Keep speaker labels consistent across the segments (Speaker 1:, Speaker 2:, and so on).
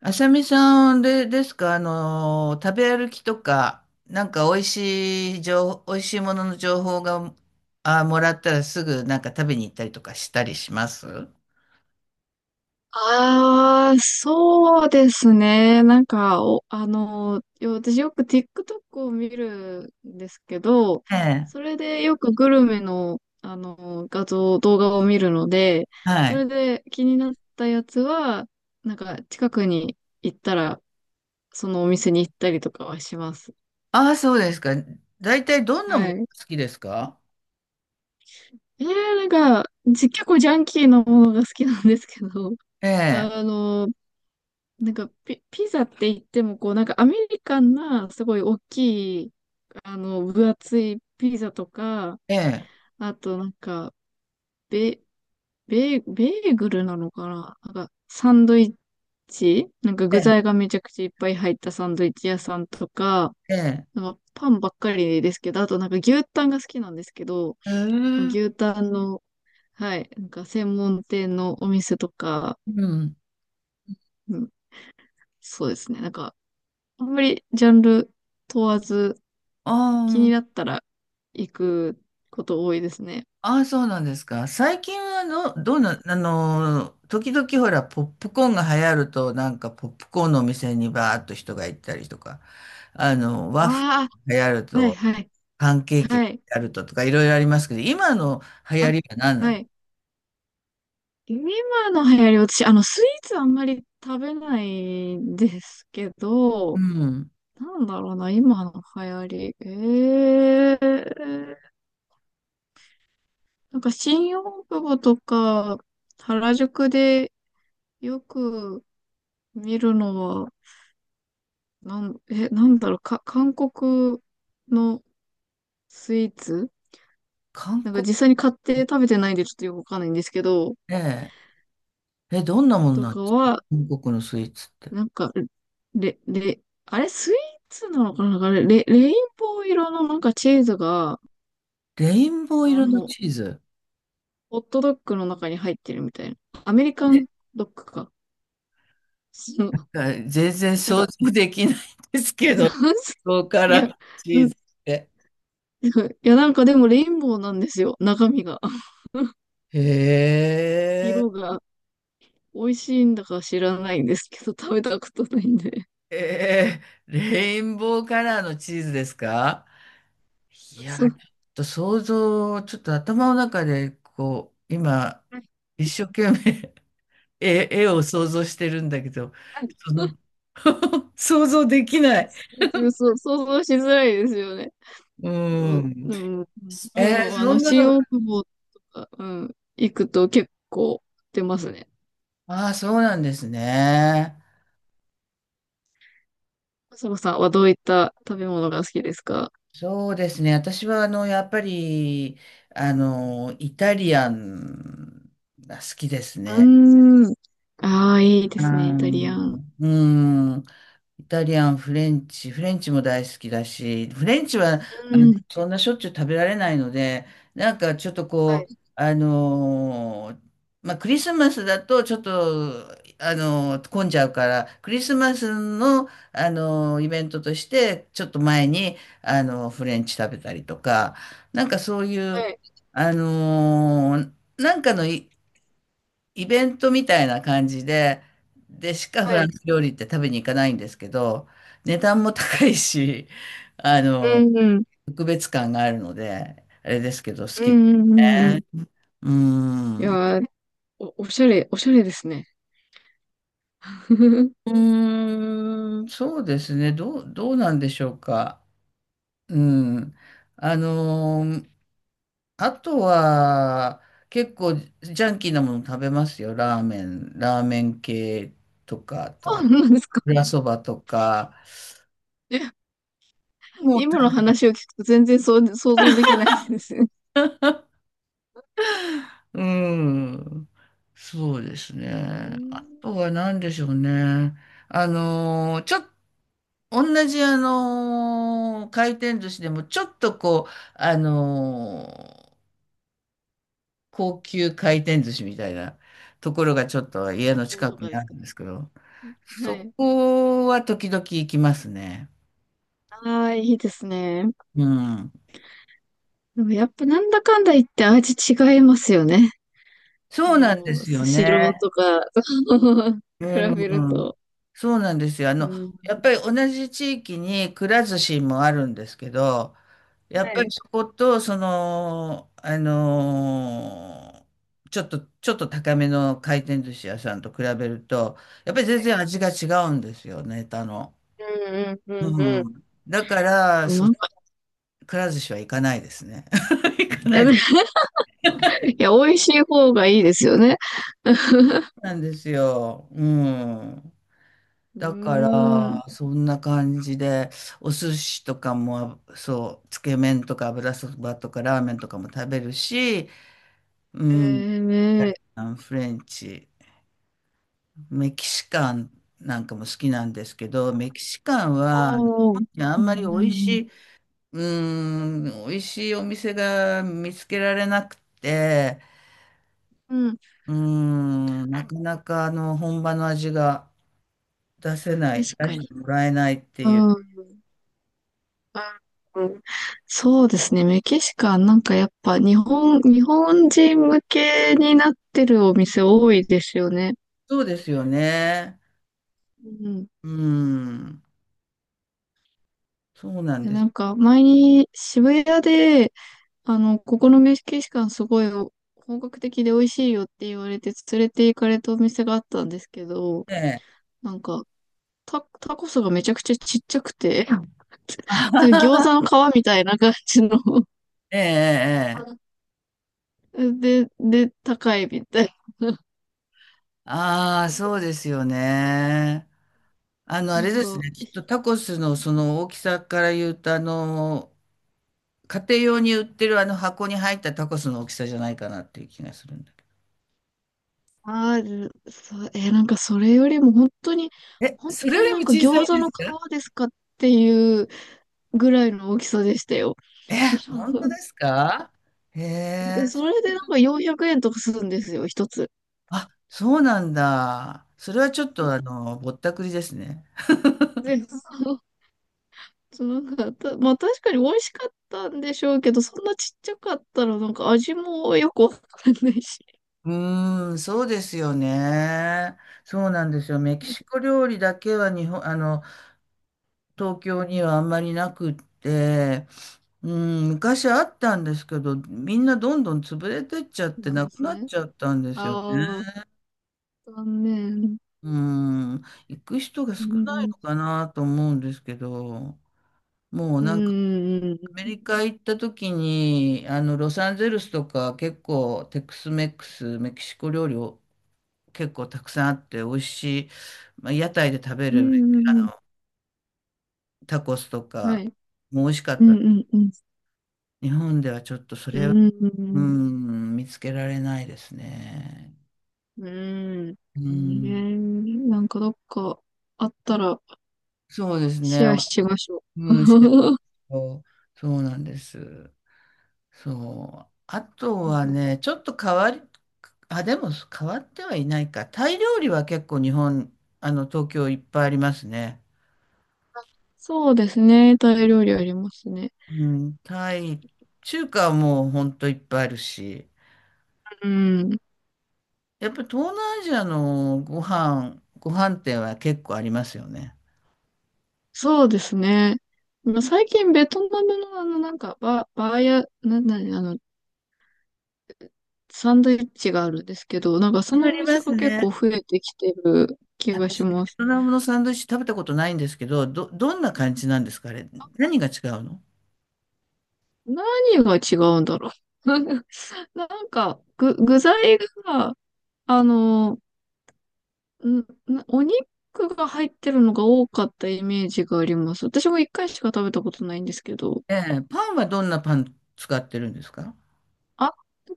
Speaker 1: あさみさんで、ですか、食べ歩きとか、美味しいものの情報が、あ、もらったらすぐなんか食べに行ったりとかしたりします。
Speaker 2: ああ、そうですね。なんか、お、あの、よ私よく TikTok を見るんですけど、
Speaker 1: ええ。
Speaker 2: それでよくグルメの、画像、動画を見るので、
Speaker 1: は
Speaker 2: そ
Speaker 1: い。
Speaker 2: れで気になったやつは、なんか近くに行ったら、そのお店に行ったりとかはします。
Speaker 1: ああ、そうですか。大体どんなも
Speaker 2: は
Speaker 1: の好
Speaker 2: い。
Speaker 1: きですか？
Speaker 2: なんか、結構ジャンキーなものが好きなんですけど、
Speaker 1: ええ、
Speaker 2: あの、なんかピザって言っても、こう、なんかアメリカンな、すごい大きい、あの、分厚いピザとか、
Speaker 1: ええ、
Speaker 2: あとなんか、ベ、ベー、ベーグルなのかななんか、サンドイッチなんか
Speaker 1: え
Speaker 2: 具
Speaker 1: え、
Speaker 2: 材がめちゃくちゃいっぱい入ったサンドイッチ屋さんとか、
Speaker 1: ええ。
Speaker 2: なんかパンばっかりですけど、あとなんか牛タンが好きなんですけど、
Speaker 1: ええ。
Speaker 2: 牛タンの、はい、なんか専門店のお店とか、
Speaker 1: うん。
Speaker 2: うん、そうですね。なんか、あんまりジャンル問わず、
Speaker 1: あ
Speaker 2: 気にな
Speaker 1: あ、
Speaker 2: ったら行くこと多いですね。
Speaker 1: ああ、そうなんですか。最近はの、どうな、時々ほら、ポップコーンが流行ると、なんかポップコーンのお店にバーっと人が行ったりとか、あの、ワッフ
Speaker 2: あ
Speaker 1: ルが流行る
Speaker 2: あ、はい
Speaker 1: と、
Speaker 2: はい、
Speaker 1: パンケーキが
Speaker 2: はい。
Speaker 1: 流行るととか、いろいろありますけど、今の流行
Speaker 2: あ、
Speaker 1: りは何な
Speaker 2: は
Speaker 1: んですか？
Speaker 2: い。今の流行り、私、あの、スイーツあんまり食べないんですけ
Speaker 1: う
Speaker 2: ど、
Speaker 1: ん。
Speaker 2: なんだろうな、今の流行り。ええー、なんか新大久保とか、原宿でよく見るのは、なんだろう、韓国のスイーツ
Speaker 1: 韓
Speaker 2: なんか
Speaker 1: 国。
Speaker 2: 実際に買って食べてないんでちょっとよくわかんないんですけど、
Speaker 1: ね。え、どんなもの
Speaker 2: と
Speaker 1: なんで
Speaker 2: か
Speaker 1: すか？
Speaker 2: は、
Speaker 1: 韓国のスイーツって。
Speaker 2: なんか、あれスイーツなのかななんかレインボー色のなんかチーズが、
Speaker 1: レインボー
Speaker 2: あ
Speaker 1: 色の
Speaker 2: の、
Speaker 1: チーズ。
Speaker 2: ホットドッグの中に入ってるみたいな。アメリカンドッグか。そう
Speaker 1: え、全然
Speaker 2: なん
Speaker 1: 想
Speaker 2: か、
Speaker 1: 像できないんですけど、こ こか
Speaker 2: い
Speaker 1: ら
Speaker 2: や、
Speaker 1: チ
Speaker 2: う
Speaker 1: ー
Speaker 2: ん、
Speaker 1: ズ
Speaker 2: い
Speaker 1: って。
Speaker 2: やなんかでもレインボーなんですよ、中身が。
Speaker 1: へえ、
Speaker 2: 色が美味しいんだか知らないんですけど、食べたことないんで。
Speaker 1: えー、レインボーカラーのチーズですか？いや、ち
Speaker 2: そ
Speaker 1: ょっ
Speaker 2: う、
Speaker 1: と想像、ちょっと頭の中で、こう、今、
Speaker 2: は
Speaker 1: 一生懸命 絵、絵を想像してるんだけど、そ
Speaker 2: い
Speaker 1: の 想像できない。
Speaker 2: そう、想像しづらいですよね。
Speaker 1: う
Speaker 2: お
Speaker 1: ん。
Speaker 2: でも、で
Speaker 1: えー、
Speaker 2: も、あ
Speaker 1: そ
Speaker 2: の、
Speaker 1: んなの
Speaker 2: 新
Speaker 1: が、
Speaker 2: 大久保とか、うん、行くと結構売ってますね。
Speaker 1: ああ、そうなんですね。
Speaker 2: そのさんはどういった食べ物が好きですか？
Speaker 1: そうですね。私は、あの、やっぱり、あの、イタリアンが好きですね。
Speaker 2: うーん。ああ、いいで
Speaker 1: う
Speaker 2: すね、イタリアン。
Speaker 1: ーうん。イタリアン、フレンチ、フレンチも大好きだし、フレンチはあ
Speaker 2: う
Speaker 1: の
Speaker 2: ん。
Speaker 1: そんなしょっちゅう食べられないので、なんかちょっと
Speaker 2: はい、
Speaker 1: こう、まあ、クリスマスだとちょっと、あのー混んじゃうから、クリスマスの、あのーイベントとして、ちょっと前に、あのーフレンチ食べたりとか、なんかそういう、
Speaker 2: はい、
Speaker 1: あのーなんかのいイベントみたいな感じで、でしかフ
Speaker 2: は
Speaker 1: ラン
Speaker 2: い。
Speaker 1: ス料理って食べに行かないんですけど、値段も高いし、あ
Speaker 2: う
Speaker 1: の、
Speaker 2: ん、うん、
Speaker 1: 特別感があるので、あれですけど、好
Speaker 2: う
Speaker 1: きで
Speaker 2: ん、うん、うんうん。
Speaker 1: ね。う
Speaker 2: い
Speaker 1: ん。
Speaker 2: やー、おしゃれですね。
Speaker 1: うん、そうですね。どう、どうなんでしょうか。うん。あのーあとは、結構ジャンキーなもの食べますよ。ラーメン、ラーメン系とか、あと
Speaker 2: そ
Speaker 1: は、
Speaker 2: うなんですか。
Speaker 1: 油そばとか。
Speaker 2: え
Speaker 1: もう。
Speaker 2: 今の話を聞くと全然そう想像できないですね。
Speaker 1: うん。そうです
Speaker 2: うー
Speaker 1: ね。あ
Speaker 2: ん。
Speaker 1: とは何でしょうね。あのーちょっと、同じあのー回転寿司でも、ちょっとこう、あのー高級回転寿司みたいなところがちょっ
Speaker 2: 三
Speaker 1: と家
Speaker 2: 崎
Speaker 1: の
Speaker 2: 港
Speaker 1: 近
Speaker 2: と
Speaker 1: くに
Speaker 2: かで
Speaker 1: あ
Speaker 2: す
Speaker 1: る
Speaker 2: か？
Speaker 1: んですけど、
Speaker 2: は
Speaker 1: そ
Speaker 2: い。
Speaker 1: こは時々行きますね。
Speaker 2: ああ、いいですね。
Speaker 1: うん。
Speaker 2: でもやっぱなんだかんだ言って味違いますよね。
Speaker 1: そう
Speaker 2: あ
Speaker 1: なんで
Speaker 2: の、
Speaker 1: すよ
Speaker 2: スシロー
Speaker 1: ね。
Speaker 2: とか、比べる
Speaker 1: うん、
Speaker 2: と。
Speaker 1: そうなんですよ。あ
Speaker 2: う
Speaker 1: の、
Speaker 2: ん。
Speaker 1: やっぱり同じ地域にくら寿司もあるんですけど、やっ
Speaker 2: は
Speaker 1: ぱり
Speaker 2: い。
Speaker 1: そこと、その、あのーちょっと、ちょっと高めの回転寿司屋さんと比べると、やっぱり全然味が違うんですよ、ネタの。
Speaker 2: うんうん
Speaker 1: う
Speaker 2: うん
Speaker 1: ん。だから、
Speaker 2: うん。
Speaker 1: そ、
Speaker 2: なんか、
Speaker 1: くら寿司は行かないですね。行かな
Speaker 2: え
Speaker 1: い
Speaker 2: で
Speaker 1: です。
Speaker 2: いや、美味しい方がいいですよね。
Speaker 1: なんですよ。うん。
Speaker 2: うー
Speaker 1: だか
Speaker 2: ん。
Speaker 1: ら、そんな感じで、お寿司とかも、そう、つけ麺とか油そばとかラーメンとかも食べるし、
Speaker 2: え
Speaker 1: うん、イ
Speaker 2: ー、
Speaker 1: タ
Speaker 2: ね
Speaker 1: リアンフレンチ、メキシカンなんかも好きなんですけど、メキシカンは、
Speaker 2: おー。
Speaker 1: いやあ
Speaker 2: う
Speaker 1: んまり美
Speaker 2: んう
Speaker 1: 味しい、
Speaker 2: ん
Speaker 1: うん、美味しいお店が見つけられなくて、
Speaker 2: うん。うん、
Speaker 1: うん、なかなかあの、本場の味が出せな
Speaker 2: 確
Speaker 1: い、出
Speaker 2: か
Speaker 1: し
Speaker 2: に。
Speaker 1: てもらえないって
Speaker 2: う
Speaker 1: いう。
Speaker 2: ん。うんうんそうですね。メキシカン、なんかやっぱ日本人向けになってるお店多いですよね。
Speaker 1: そうですよね。
Speaker 2: うん
Speaker 1: うーん、そうなん
Speaker 2: で
Speaker 1: です
Speaker 2: なんか、前に渋谷で、あの、ここのメキシカンすごい本格的で美味しいよって言われて連れて行かれたお店があったんですけど、
Speaker 1: ね。
Speaker 2: なんか、タコスがめちゃくちゃちっちゃくて、うんなんか餃 子の皮みたいな感じの
Speaker 1: ええ、ええ、
Speaker 2: で、で、高いみたいな。
Speaker 1: ああ、そうですよね。あの、あ
Speaker 2: な
Speaker 1: れ
Speaker 2: ん
Speaker 1: です
Speaker 2: か、
Speaker 1: ね、きっとタコスのその大きさから言うと、あの、家庭用に売ってるあの箱に入ったタコスの大きさじゃないかなっていう気がするんだけ
Speaker 2: ある、そう、えーなんかそれよりも本当に、
Speaker 1: ど。え、
Speaker 2: 本
Speaker 1: それ
Speaker 2: 当
Speaker 1: より
Speaker 2: に
Speaker 1: も
Speaker 2: なんか
Speaker 1: 小さ
Speaker 2: 餃
Speaker 1: い
Speaker 2: 子
Speaker 1: で
Speaker 2: の
Speaker 1: す
Speaker 2: 皮
Speaker 1: か？
Speaker 2: ですかっていうぐらいの大きさでしたよ。
Speaker 1: え、本当で すか？へえ、
Speaker 2: それでなんか400円とかするんですよ、一つ。
Speaker 1: あ、そうなんだ。それはちょっとあの、ぼったくりですね。
Speaker 2: で、そうそうなんかた、まあ確かに美味しかったんでしょうけど、そんなちっちゃかったらなんか味もよくわかんないし。
Speaker 1: うーん、そうですよね。そうなんですよ。メキシコ料理だけは日本、あの、東京にはあんまりなくって、うん、昔あったんですけど、みんなどんどん潰れてっちゃって
Speaker 2: なん
Speaker 1: な
Speaker 2: で
Speaker 1: く
Speaker 2: す
Speaker 1: なっ
Speaker 2: ね。
Speaker 1: ちゃったんですよね。
Speaker 2: ああ、残念。
Speaker 1: うん、行く人が
Speaker 2: う
Speaker 1: 少ない
Speaker 2: ん、
Speaker 1: のかなと思うんですけど、もう
Speaker 2: う
Speaker 1: なんか
Speaker 2: ん、うん、
Speaker 1: アメリカ行った時に、あの、ロサンゼルスとか結構テックスメックス、メキシコ料理結構たくさんあって美味しい、まあ、屋台で食べ
Speaker 2: う
Speaker 1: る
Speaker 2: ん、うん
Speaker 1: タコスと
Speaker 2: は
Speaker 1: か
Speaker 2: い。
Speaker 1: も美味しかっ
Speaker 2: う
Speaker 1: た
Speaker 2: ん、う
Speaker 1: です。
Speaker 2: ん、うん、
Speaker 1: 日本ではちょっとそ
Speaker 2: う
Speaker 1: れは、う
Speaker 2: ん、
Speaker 1: ん、見つけられないですね。
Speaker 2: うん、
Speaker 1: う
Speaker 2: うん、
Speaker 1: ん、
Speaker 2: ねえなんかどっかあったら
Speaker 1: そうですね。
Speaker 2: シェアしましょう。
Speaker 1: うん、シェフ と。そうなんです。そう。あとはね、ちょっと変わり、あ、でも変わってはいないか。タイ料理は結構日本、あの、東京いっぱいありますね。
Speaker 2: そうですね。タイ料理ありますね。
Speaker 1: うん、タイ、中華はもうほんといっぱいあるし。
Speaker 2: うん。
Speaker 1: やっぱり東南アジアのご飯、ご飯店は結構ありますよね。
Speaker 2: そうですね。まあ最近ベトナムのあの、なんか、バ、バーや、なんだね、あの、サンドイッチがあるんですけど、なんかそ
Speaker 1: あ
Speaker 2: のお
Speaker 1: りま
Speaker 2: 店が
Speaker 1: す
Speaker 2: 結
Speaker 1: ね。
Speaker 2: 構増えてきてる気がし
Speaker 1: 私、ベ
Speaker 2: ます。
Speaker 1: トナムのサンドイッチ食べたことないんですけど、ど、どんな感じなんですかあれ。何が違うの？
Speaker 2: 何が違うんだろう。なんか、具材が、あの、ん、なお肉が入ってるのが多かったイメージがあります。私も一回しか食べたことないんですけど。
Speaker 1: ええ、パンはどんなパン使ってるんですか？
Speaker 2: あ、こうい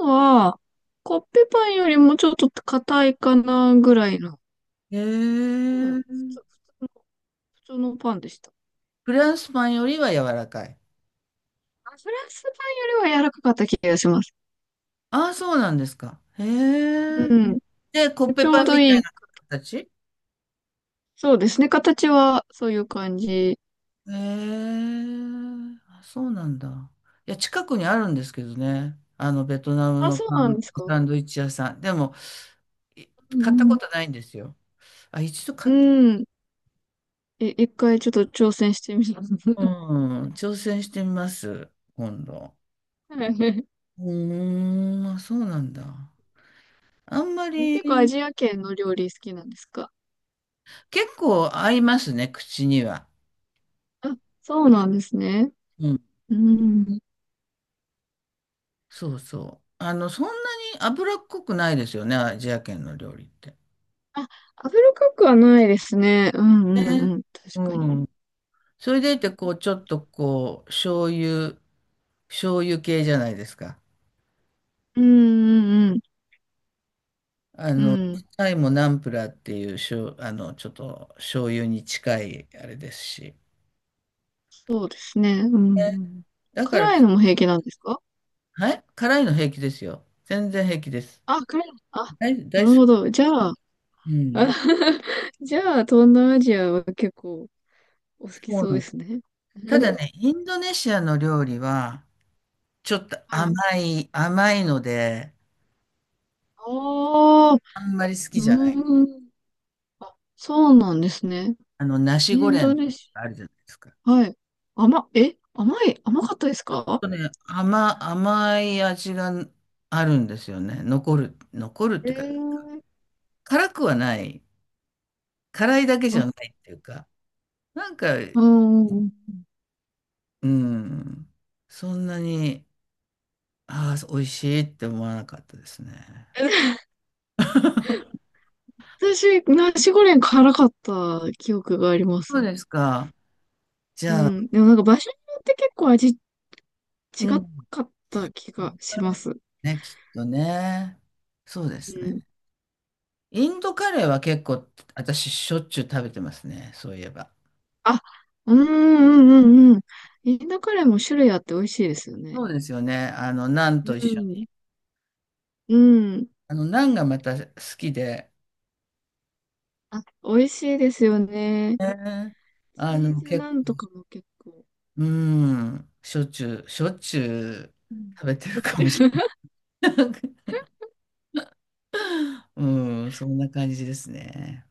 Speaker 2: うのは、コッペパンよりもちょっと硬いかなぐらいの。
Speaker 1: へ
Speaker 2: で
Speaker 1: え。
Speaker 2: も、通、普通の、普通のパンでした。
Speaker 1: フランスパンよりは柔らかい。
Speaker 2: あフランスパンよりは柔らかかった気がします。
Speaker 1: ああ、そうなんですか。へえ。
Speaker 2: うん。
Speaker 1: で、コッ
Speaker 2: ち
Speaker 1: ペ
Speaker 2: ょう
Speaker 1: パン
Speaker 2: ど
Speaker 1: みた
Speaker 2: い
Speaker 1: い
Speaker 2: い。
Speaker 1: な形。
Speaker 2: そうですね。形はそういう感じ。
Speaker 1: ええあ、そうなんだ。いや、近くにあるんですけどね。あの、ベトナム
Speaker 2: あ、
Speaker 1: の
Speaker 2: そう
Speaker 1: パ
Speaker 2: なんで
Speaker 1: ン、
Speaker 2: すか。
Speaker 1: サンドイッチ屋さん。でも、い
Speaker 2: う
Speaker 1: 買ったこ
Speaker 2: ん
Speaker 1: とないんですよ。あ、一度
Speaker 2: う
Speaker 1: 買っ、
Speaker 2: ん。うん。え、一回ちょっと挑戦してみます。
Speaker 1: うん、挑戦してみます、今度。
Speaker 2: はい
Speaker 1: うーん、あ、そうなんだ。あんま
Speaker 2: 結構ア
Speaker 1: り、
Speaker 2: ジア圏の料理好きなんですか？
Speaker 1: 結構合いますね、口には。
Speaker 2: あ、そうなんですね。
Speaker 1: うん、
Speaker 2: うん。
Speaker 1: そうそう。あの、そんなに脂っこくないですよね、アジア圏の料理って。
Speaker 2: あ、油かくはないですね。うんうん
Speaker 1: ね。
Speaker 2: うん。
Speaker 1: う
Speaker 2: 確かに。
Speaker 1: ん。それでいて、こう、ちょっとこう、醤油、醤油系じゃないですか。
Speaker 2: うんうん
Speaker 1: あ
Speaker 2: う
Speaker 1: の、
Speaker 2: ん。うん。
Speaker 1: タイもナンプラーっていう、しょう、あの、ちょっと醤油に近いあれですし。
Speaker 2: そうですね。うん
Speaker 1: ね。
Speaker 2: うん。
Speaker 1: だから、
Speaker 2: 辛いのも平気なんですか？
Speaker 1: はい、辛いの平気ですよ。全然平気です。
Speaker 2: あ、辛いの。あ、
Speaker 1: 大、
Speaker 2: な
Speaker 1: 大好
Speaker 2: るほ
Speaker 1: き。
Speaker 2: ど。じゃあ、
Speaker 1: うん。
Speaker 2: じゃあ、東南アジアは結構お好き
Speaker 1: そう
Speaker 2: そう
Speaker 1: なん
Speaker 2: で
Speaker 1: です。
Speaker 2: すね。
Speaker 1: ただ ね、インドネシアの料理は、ちょっと
Speaker 2: は
Speaker 1: 甘
Speaker 2: い。
Speaker 1: い、甘いので、
Speaker 2: ああ、う
Speaker 1: あんまり好きじゃない。
Speaker 2: ーん。そうなんですね。
Speaker 1: あの、ナシ
Speaker 2: イ
Speaker 1: ゴ
Speaker 2: ン
Speaker 1: レ
Speaker 2: ド
Speaker 1: ン
Speaker 2: ネシ
Speaker 1: あるじゃないですか。
Speaker 2: ア。はい。甘、え、甘い、甘かったですか？
Speaker 1: とね、甘、甘い味があるんですよね。残る、残るっ
Speaker 2: え
Speaker 1: ていうか、
Speaker 2: えー
Speaker 1: 辛くはない。辛いだけじゃ
Speaker 2: あ、
Speaker 1: ないっていうか、なんか、
Speaker 2: うんうんうん。
Speaker 1: うん、そんなに、ああ、美味しいって思わなかったですね。
Speaker 2: 私、ナシゴレン辛かった記憶がありま
Speaker 1: そう
Speaker 2: す。
Speaker 1: ですか。じ
Speaker 2: う
Speaker 1: ゃあ、
Speaker 2: ん。でもなんか場所によって結構味違
Speaker 1: う
Speaker 2: かっ
Speaker 1: ん。
Speaker 2: た気がします。
Speaker 1: ね、きっとね。そうで
Speaker 2: う
Speaker 1: すね。
Speaker 2: ん。
Speaker 1: インドカレーは結構、私、しょっちゅう食べてますね。そういえば。
Speaker 2: あ、うんうんうんうん。インドカレーも種類あって美味しいですよ
Speaker 1: そ
Speaker 2: ね。
Speaker 1: うですよね。あの、ナン
Speaker 2: う
Speaker 1: と一緒に。
Speaker 2: ん。うん。
Speaker 1: あの、ナンがまた好きで、
Speaker 2: あ、美味しいですよね。
Speaker 1: ね。あ
Speaker 2: チー
Speaker 1: の、
Speaker 2: ズ
Speaker 1: 結
Speaker 2: なんと
Speaker 1: 構、
Speaker 2: かも結構。
Speaker 1: うん、しょっちゅう、しょっちゅう
Speaker 2: うん。
Speaker 1: 食べてるかもしれない。うん、そんな感じですね。